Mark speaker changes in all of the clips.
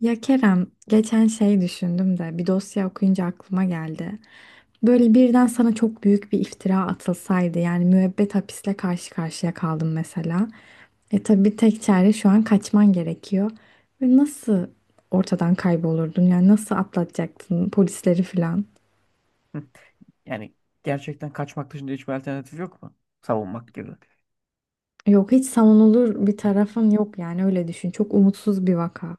Speaker 1: Ya Kerem, geçen şey düşündüm de bir dosya okuyunca aklıma geldi. Böyle birden sana çok büyük bir iftira atılsaydı yani müebbet hapisle karşı karşıya kaldım mesela. E tabii tek çare şu an kaçman gerekiyor. Ve nasıl ortadan kaybolurdun yani nasıl atlatacaktın polisleri falan?
Speaker 2: Hı. Yani gerçekten kaçmak dışında hiçbir alternatif yok mu? Savunmak gibi.
Speaker 1: Yok hiç savunulur bir tarafın yok yani öyle düşün. Çok umutsuz bir vaka.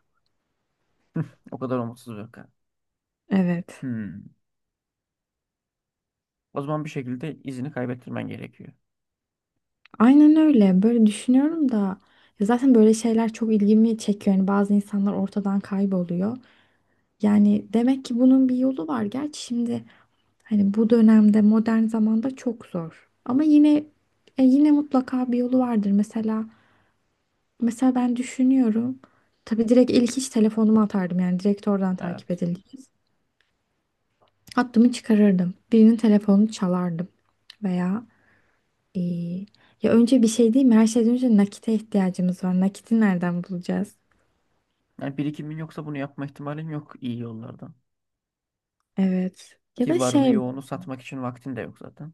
Speaker 2: O kadar umutsuz bir kan.
Speaker 1: Evet.
Speaker 2: Hmm. O zaman bir şekilde izini kaybettirmen gerekiyor.
Speaker 1: Aynen öyle. Böyle düşünüyorum da ya zaten böyle şeyler çok ilgimi çekiyor. Yani bazı insanlar ortadan kayboluyor. Yani demek ki bunun bir yolu var. Gerçi şimdi hani bu dönemde modern zamanda çok zor. Ama yine yine mutlaka bir yolu vardır. Mesela ben düşünüyorum. Tabii direkt ilk iş telefonumu atardım. Yani direkt oradan takip
Speaker 2: Evet.
Speaker 1: edileceğiz. Hattımı çıkarırdım. Birinin telefonunu çalardım veya İyi. Ya önce bir şey değil mi? Her şeyden önce nakite ihtiyacımız var. Nakiti nereden bulacağız?
Speaker 2: Yani birikimin yoksa bunu yapma ihtimalin yok iyi yollardan.
Speaker 1: Evet. Ya
Speaker 2: Ki
Speaker 1: da
Speaker 2: varını
Speaker 1: şey,
Speaker 2: yoğunu satmak için vaktin de yok zaten.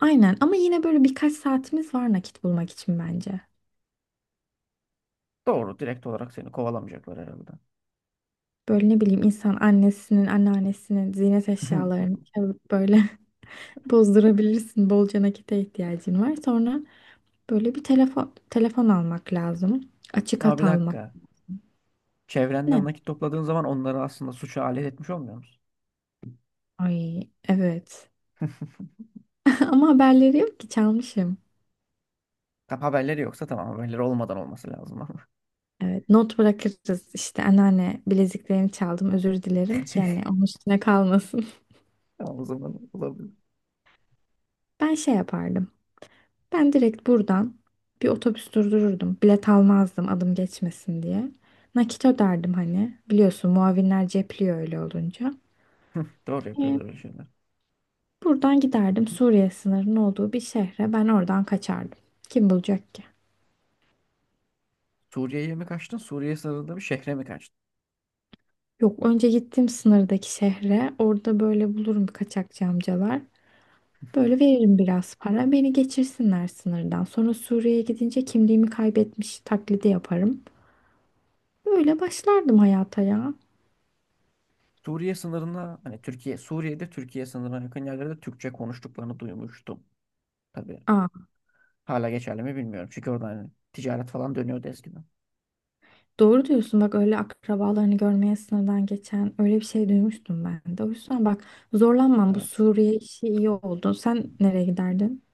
Speaker 1: aynen, ama yine böyle birkaç saatimiz var nakit bulmak için bence.
Speaker 2: Doğru. Direkt olarak seni kovalamayacaklar herhalde.
Speaker 1: Böyle ne bileyim insan annesinin, anneannesinin ziynet eşyalarını çalıp böyle bozdurabilirsin. Bolca nakite ihtiyacın var. Sonra böyle bir telefon almak lazım. Açık
Speaker 2: Ama
Speaker 1: hat
Speaker 2: bir
Speaker 1: almak.
Speaker 2: dakika. Çevrenden
Speaker 1: Ne?
Speaker 2: nakit topladığın zaman onları aslında suça alet etmiş olmuyor musun?
Speaker 1: Ay evet. Ama haberleri yok ki çalmışım.
Speaker 2: Tam haberleri yoksa tamam haberleri olmadan olması lazım ama.
Speaker 1: Evet, not bırakırız işte anneanne bileziklerini çaldım özür dilerim ki hani onun üstüne kalmasın.
Speaker 2: Tamam, o zaman olabilir.
Speaker 1: Ben şey yapardım. Ben direkt buradan bir otobüs durdururdum. Bilet almazdım adım geçmesin diye. Nakit öderdim hani. Biliyorsun muavinler cepliyor öyle olunca.
Speaker 2: Doğru
Speaker 1: Ee,
Speaker 2: yapıyorlar öyle şeyler.
Speaker 1: buradan giderdim Suriye sınırının olduğu bir şehre. Ben oradan kaçardım. Kim bulacak ki?
Speaker 2: Suriye'ye mi kaçtın? Suriye sınırında bir şehre mi kaçtın?
Speaker 1: Yok önce gittim sınırdaki şehre. Orada böyle bulurum kaçakçı amcalar. Böyle veririm biraz para. Beni geçirsinler sınırdan. Sonra Suriye'ye gidince kimliğimi kaybetmiş taklidi yaparım. Böyle başlardım hayata ya.
Speaker 2: Suriye sınırına hani Türkiye, Suriye'de Türkiye sınırına yakın yerlerde Türkçe konuştuklarını duymuştum. Tabii
Speaker 1: Aa,
Speaker 2: hala geçerli mi bilmiyorum. Çünkü orada hani ticaret falan dönüyordu eskiden.
Speaker 1: doğru diyorsun bak öyle akrabalarını görmeye sınırdan geçen öyle bir şey duymuştum ben de. O yüzden bak zorlanmam bu
Speaker 2: Evet.
Speaker 1: Suriye işi iyi oldu. Sen nereye giderdin?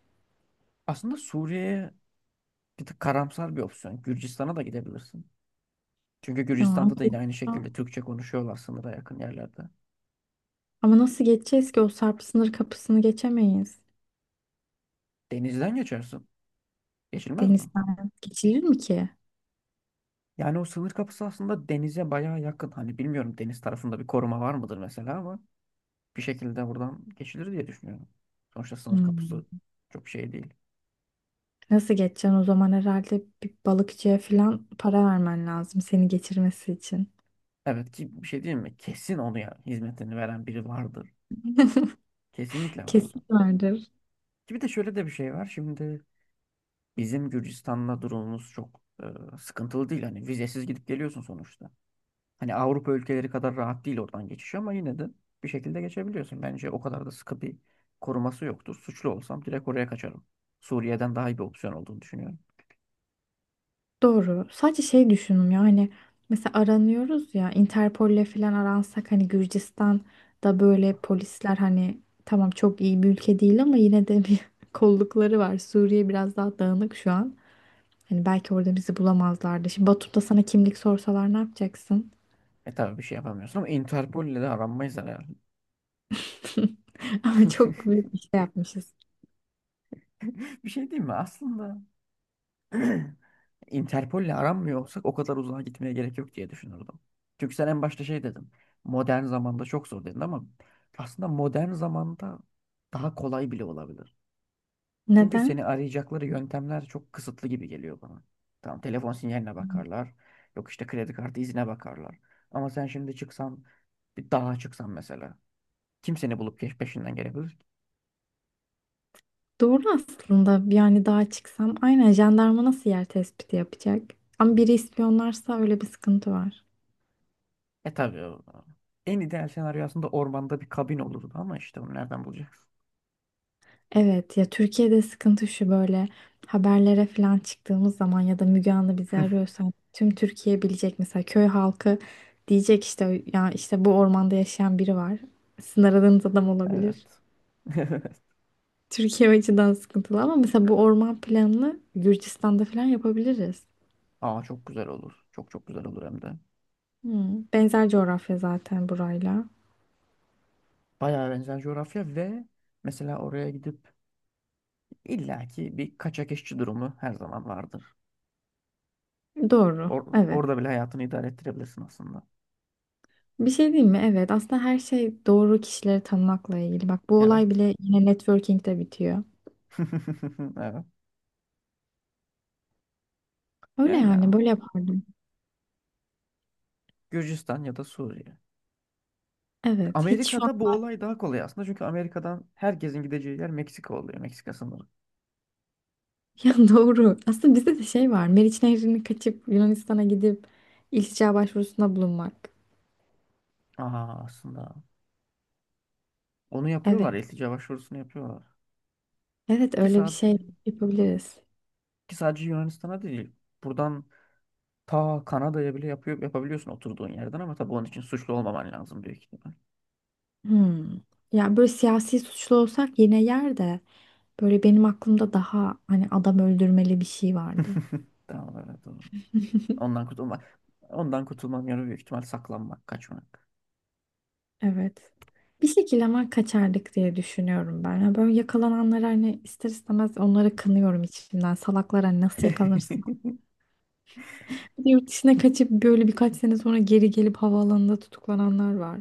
Speaker 2: Aslında Suriye'ye bir tık karamsar bir opsiyon. Gürcistan'a da gidebilirsin. Çünkü
Speaker 1: Ya, ama
Speaker 2: Gürcistan'da da yine aynı şekilde Türkçe konuşuyorlar sınıra yakın yerlerde.
Speaker 1: ama nasıl geçeceğiz ki o Sarp sınır kapısını geçemeyiz.
Speaker 2: Denizden geçersin. Geçilmez mi?
Speaker 1: Denizden geçilir mi ki?
Speaker 2: Yani o sınır kapısı aslında denize bayağı yakın. Hani bilmiyorum, deniz tarafında bir koruma var mıdır mesela, ama bir şekilde buradan geçilir diye düşünüyorum. Sonuçta sınır kapısı
Speaker 1: Hmm.
Speaker 2: çok şey değil.
Speaker 1: Nasıl geçeceksin o zaman herhalde bir balıkçıya falan para vermen lazım seni geçirmesi için.
Speaker 2: Evet ki bir şey değil mi? Kesin onu ya, hizmetini veren biri vardır. Kesinlikle vardır.
Speaker 1: Kesin vardır.
Speaker 2: Ki bir de şöyle de bir şey var. Şimdi bizim Gürcistan'la durumumuz çok sıkıntılı değil. Hani vizesiz gidip geliyorsun sonuçta. Hani Avrupa ülkeleri kadar rahat değil oradan geçiş, ama yine de bir şekilde geçebiliyorsun. Bence o kadar da sıkı bir koruması yoktur. Suçlu olsam direkt oraya kaçarım. Suriye'den daha iyi bir opsiyon olduğunu düşünüyorum.
Speaker 1: Doğru. Sadece şey düşündüm ya hani mesela aranıyoruz ya Interpol'le falan aransak hani Gürcistan'da böyle polisler, hani tamam, çok iyi bir ülke değil ama yine de bir kollukları var. Suriye biraz daha dağınık şu an. Hani belki orada bizi bulamazlardı. Şimdi Batum'da sana kimlik sorsalar ne yapacaksın?
Speaker 2: E tabii bir şey yapamıyorsun, ama Interpol ile de aranmayız herhalde.
Speaker 1: Ama çok büyük bir şey yapmışız.
Speaker 2: Bir şey diyeyim mi? Aslında Interpol'le aranmıyor olsak o kadar uzağa gitmeye gerek yok diye düşünürdüm. Çünkü sen en başta şey dedin. Modern zamanda çok zor dedin ama aslında modern zamanda daha kolay bile olabilir. Çünkü
Speaker 1: Neden?
Speaker 2: seni arayacakları yöntemler çok kısıtlı gibi geliyor bana. Tamam, telefon sinyaline bakarlar. Yok işte, kredi kartı izine bakarlar. Ama sen şimdi çıksan, bir dağa çıksan mesela. Kim seni bulup peşinden gelebilir ki?
Speaker 1: Doğru aslında, yani daha çıksam, aynen jandarma nasıl yer tespiti yapacak? Ama biri ispiyonlarsa öyle bir sıkıntı var.
Speaker 2: E tabii en ideal senaryo aslında ormanda bir kabin olurdu, ama işte onu nereden bulacak?
Speaker 1: Evet ya, Türkiye'de sıkıntı şu: böyle haberlere falan çıktığımız zaman ya da Müge Anlı bizi
Speaker 2: Evet.
Speaker 1: arıyorsa tüm Türkiye bilecek, mesela köy halkı diyecek işte ya işte bu ormanda yaşayan biri var. Sizin aradığınız adam olabilir.
Speaker 2: Evet.
Speaker 1: Türkiye o açıdan sıkıntılı ama mesela bu orman planını Gürcistan'da falan yapabiliriz.
Speaker 2: Aa, çok güzel olur. Çok çok güzel olur hem de.
Speaker 1: Hmm, benzer coğrafya zaten burayla.
Speaker 2: Bayağı benzer coğrafya ve mesela oraya gidip illaki bir kaçak işçi durumu her zaman vardır.
Speaker 1: Doğru. Evet.
Speaker 2: Orada bile hayatını idare ettirebilirsin aslında.
Speaker 1: Bir şey diyeyim mi? Evet, aslında her şey doğru kişileri tanımakla ilgili. Bak bu olay
Speaker 2: Evet.
Speaker 1: bile yine networking'de bitiyor.
Speaker 2: Evet.
Speaker 1: Öyle
Speaker 2: Yani
Speaker 1: yani böyle
Speaker 2: ama
Speaker 1: yapardım.
Speaker 2: Gürcistan ya da Suriye.
Speaker 1: Evet, hiç şu an
Speaker 2: Amerika'da bu olay daha kolay aslında. Çünkü Amerika'dan herkesin gideceği yer Meksika oluyor. Meksika sınırı.
Speaker 1: ya doğru. Aslında bizde de şey var: Meriç Nehri'ni kaçıp Yunanistan'a gidip iltica başvurusunda bulunmak.
Speaker 2: Aa, aslında. Onu
Speaker 1: Evet,
Speaker 2: yapıyorlar. İltica başvurusunu yapıyorlar.
Speaker 1: evet
Speaker 2: Ki,
Speaker 1: öyle bir
Speaker 2: sa-
Speaker 1: şey yapabiliriz.
Speaker 2: ki sadece Yunanistan'a değil. Buradan ta Kanada'ya bile yapıyor, yapabiliyorsun oturduğun yerden, ama tabii onun için suçlu olmaman lazım büyük ihtimal.
Speaker 1: Hmm. Ya böyle siyasi suçlu olsak yine yer de, böyle benim aklımda daha hani adam öldürmeli bir şey vardı.
Speaker 2: Tamam, evet, doğru. Ondan kurtulmak. Ondan kurtulmanın yolu büyük ihtimal saklanmak, kaçmak.
Speaker 1: Evet. Bir şekilde ama kaçardık diye düşünüyorum ben. Yani böyle yakalananları hani ister istemez onları kınıyorum içimden. Salaklar hani nasıl yakalanırsın? Bir de yurt dışına kaçıp böyle birkaç sene sonra geri gelip havaalanında tutuklananlar var.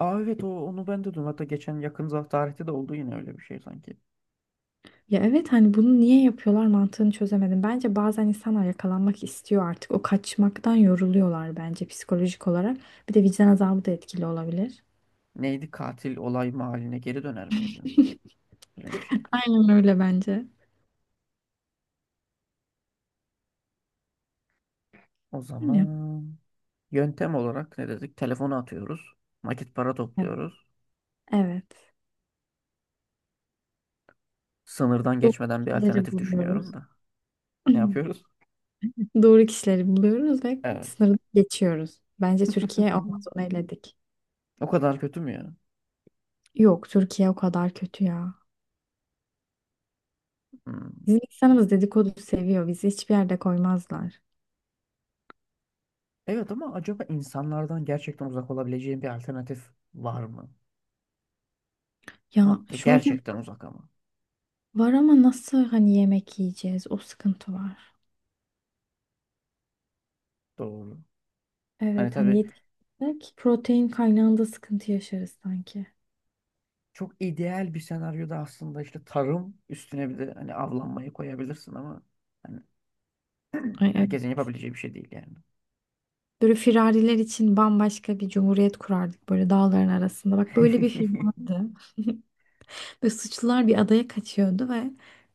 Speaker 2: Aa evet, o onu ben de duydum. Hatta geçen yakın tarihte de oldu yine öyle bir şey sanki.
Speaker 1: Ya evet, hani bunu niye yapıyorlar mantığını çözemedim. Bence bazen insanlar yakalanmak istiyor artık. O kaçmaktan yoruluyorlar bence psikolojik olarak. Bir de vicdan azabı da etkili olabilir.
Speaker 2: Neydi, katil olay mahalline geri döner miydi? Öyle bir şey.
Speaker 1: Aynen öyle bence.
Speaker 2: O
Speaker 1: Bilmiyorum.
Speaker 2: zaman yöntem olarak ne dedik? Telefonu atıyoruz. Nakit para
Speaker 1: Evet.
Speaker 2: topluyoruz.
Speaker 1: Evet.
Speaker 2: Sınırdan
Speaker 1: Doğru
Speaker 2: geçmeden bir
Speaker 1: kişileri
Speaker 2: alternatif düşünüyorum
Speaker 1: buluyoruz.
Speaker 2: da. Ne yapıyoruz?
Speaker 1: Doğru kişileri buluyoruz ve
Speaker 2: Evet.
Speaker 1: sınırı geçiyoruz. Bence Türkiye olmaz, onu eledik.
Speaker 2: O kadar kötü mü ya?
Speaker 1: Yok Türkiye o kadar kötü ya.
Speaker 2: Hmm.
Speaker 1: Bizim insanımız dedikodu seviyor. Bizi hiçbir yerde koymazlar.
Speaker 2: Evet, ama acaba insanlardan gerçekten uzak olabileceğin bir alternatif var mı?
Speaker 1: Ya
Speaker 2: Ama
Speaker 1: şöyle
Speaker 2: gerçekten uzak ama.
Speaker 1: var ama nasıl hani yemek yiyeceğiz? O sıkıntı var.
Speaker 2: Doğru. Hani
Speaker 1: Evet, hani
Speaker 2: tabii
Speaker 1: yetiştirsek protein kaynağında sıkıntı yaşarız sanki.
Speaker 2: çok ideal bir senaryoda aslında işte tarım üstüne bir de hani avlanmayı koyabilirsin, ama hani
Speaker 1: Ay, evet.
Speaker 2: herkesin yapabileceği bir şey değil yani.
Speaker 1: Böyle firariler için bambaşka bir cumhuriyet kurardık böyle dağların arasında. Bak böyle bir film vardı. Ve suçlular bir adaya kaçıyordu ve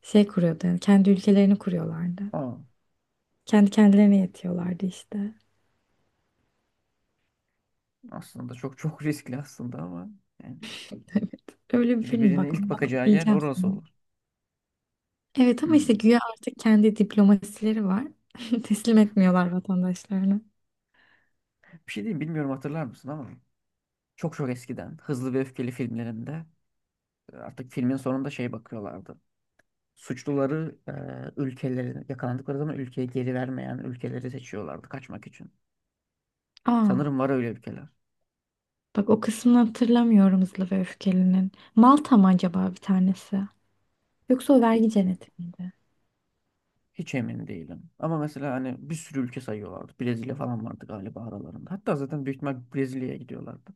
Speaker 1: şey kuruyordu, yani kendi ülkelerini kuruyorlardı.
Speaker 2: Aa,
Speaker 1: Kendi kendilerine yetiyorlardı işte.
Speaker 2: aslında çok çok riskli aslında, ama yani
Speaker 1: Evet. Öyle bir
Speaker 2: çünkü
Speaker 1: film
Speaker 2: birinin
Speaker 1: bak,
Speaker 2: ilk
Speaker 1: onu bak
Speaker 2: bakacağı yer
Speaker 1: diyeceğim
Speaker 2: orası
Speaker 1: sana.
Speaker 2: olur.
Speaker 1: Evet ama işte
Speaker 2: Hmm.
Speaker 1: güya artık kendi diplomasileri var. Teslim etmiyorlar vatandaşlarını.
Speaker 2: Bir şey diyeyim, bilmiyorum hatırlar mısın ama çok çok eskiden Hızlı ve Öfkeli filmlerinde artık filmin sonunda şey bakıyorlardı. Suçluları ülkelerine yakalandıkları zaman ülkeye geri vermeyen ülkeleri seçiyorlardı kaçmak için.
Speaker 1: Aa,
Speaker 2: Sanırım var öyle ülkeler.
Speaker 1: bak o kısmını hatırlamıyorum Hızlı ve Öfkeli'nin. Malta mı acaba bir tanesi? Yoksa o vergi
Speaker 2: Hiç
Speaker 1: cenneti miydi?
Speaker 2: hiç emin değilim. Ama mesela hani bir sürü ülke sayıyorlardı. Brezilya falan vardı galiba aralarında. Hatta zaten büyük ihtimal Brezilya'ya gidiyorlardı.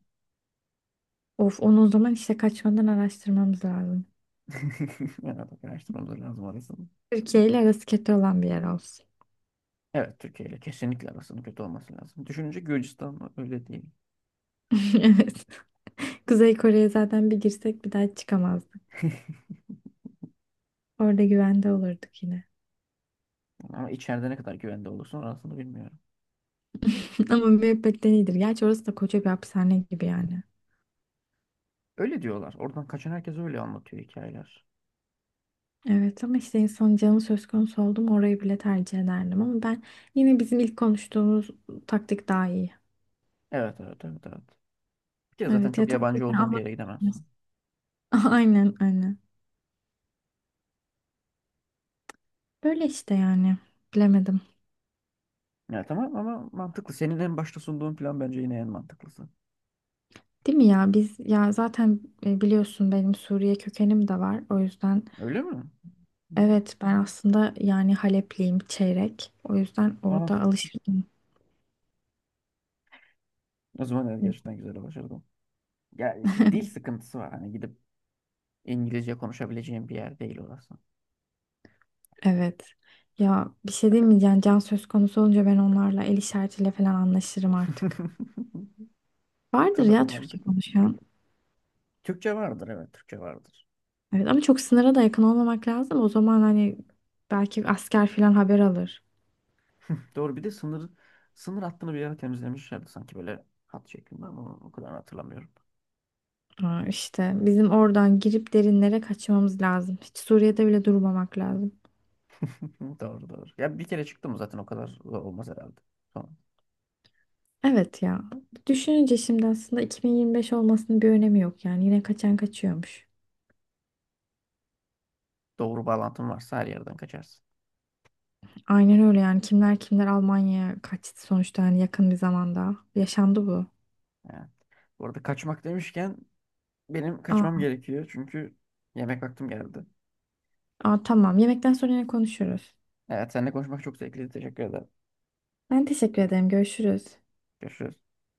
Speaker 1: Of, onu o zaman işte kaçmadan araştırmamız lazım.
Speaker 2: Yani bak, araştırmamız lazım arasını.
Speaker 1: Türkiye ile arası kötü olan bir yer olsun.
Speaker 2: Evet, Türkiye ile kesinlikle arasının kötü olması lazım. Düşününce Gürcistan öyle değil.
Speaker 1: Evet. Kuzey Kore'ye zaten bir girsek bir daha çıkamazdık. Orada güvende olurduk yine.
Speaker 2: Ama içeride ne kadar güvende olursun orasını bilmiyorum.
Speaker 1: Ama müebbetten iyidir. Gerçi orası da koca bir hapishane gibi yani.
Speaker 2: Öyle diyorlar. Oradan kaçan herkes öyle anlatıyor hikayeler.
Speaker 1: Evet ama işte insan canı söz konusu oldu mu orayı bile tercih ederdim. Ama ben yine bizim ilk konuştuğumuz taktik daha iyi.
Speaker 2: Evet, evet, evet, evet. Bir kere zaten
Speaker 1: Evet
Speaker 2: çok
Speaker 1: yeter.
Speaker 2: yabancı olduğun bir
Speaker 1: Allah
Speaker 2: yere
Speaker 1: korusun.
Speaker 2: gidemezsin.
Speaker 1: Aynen aynen. Böyle işte yani. Bilemedim.
Speaker 2: Ya tamam, ama mantıklı. Senin en başta sunduğun plan bence yine en mantıklısı.
Speaker 1: Değil mi ya? Biz ya zaten biliyorsun benim Suriye kökenim de var. O yüzden.
Speaker 2: Öyle mi? Hı hı.
Speaker 1: Evet, ben aslında yani Halepliyim çeyrek. O yüzden orada
Speaker 2: Ah,
Speaker 1: alışırdım.
Speaker 2: o zaman evet, gerçekten güzel başardım. Ya işte dil sıkıntısı var. Hani gidip İngilizce konuşabileceğim bir yer değil orası.
Speaker 1: Evet. Ya bir şey diyeyim mi? Yani can söz konusu olunca ben onlarla el işaretiyle falan anlaşırım artık. Vardır
Speaker 2: Doğru,
Speaker 1: ya Türkçe
Speaker 2: mantıklı.
Speaker 1: konuşan.
Speaker 2: Türkçe vardır, evet, Türkçe vardır.
Speaker 1: Evet ama çok sınıra da yakın olmamak lazım. O zaman hani belki asker falan haber alır.
Speaker 2: Doğru, bir de sınır hattını bir yere temizlemişlerdi sanki böyle hat şeklinde, ama o kadar hatırlamıyorum.
Speaker 1: Ha, işte bizim oradan girip derinlere kaçmamız lazım. Hiç Suriye'de bile durmamak lazım.
Speaker 2: Doğru, doğru. Ya bir kere çıktım zaten, o kadar zor olmaz herhalde.
Speaker 1: Evet ya. Düşününce şimdi aslında 2025 olmasının bir önemi yok yani. Yine kaçan kaçıyormuş.
Speaker 2: Doğru, bağlantın varsa her yerden kaçarsın.
Speaker 1: Aynen öyle yani, kimler kimler Almanya'ya kaçtı sonuçta yani yakın bir zamanda. Yaşandı bu.
Speaker 2: Evet. Bu arada, kaçmak demişken, benim kaçmam
Speaker 1: Aa,
Speaker 2: gerekiyor. Çünkü yemek vaktim geldi.
Speaker 1: aa, tamam, yemekten sonra yine konuşuruz.
Speaker 2: Evet, seninle konuşmak çok zevkliydi. Teşekkür ederim.
Speaker 1: Ben teşekkür ederim. Görüşürüz.
Speaker 2: Görüşürüz.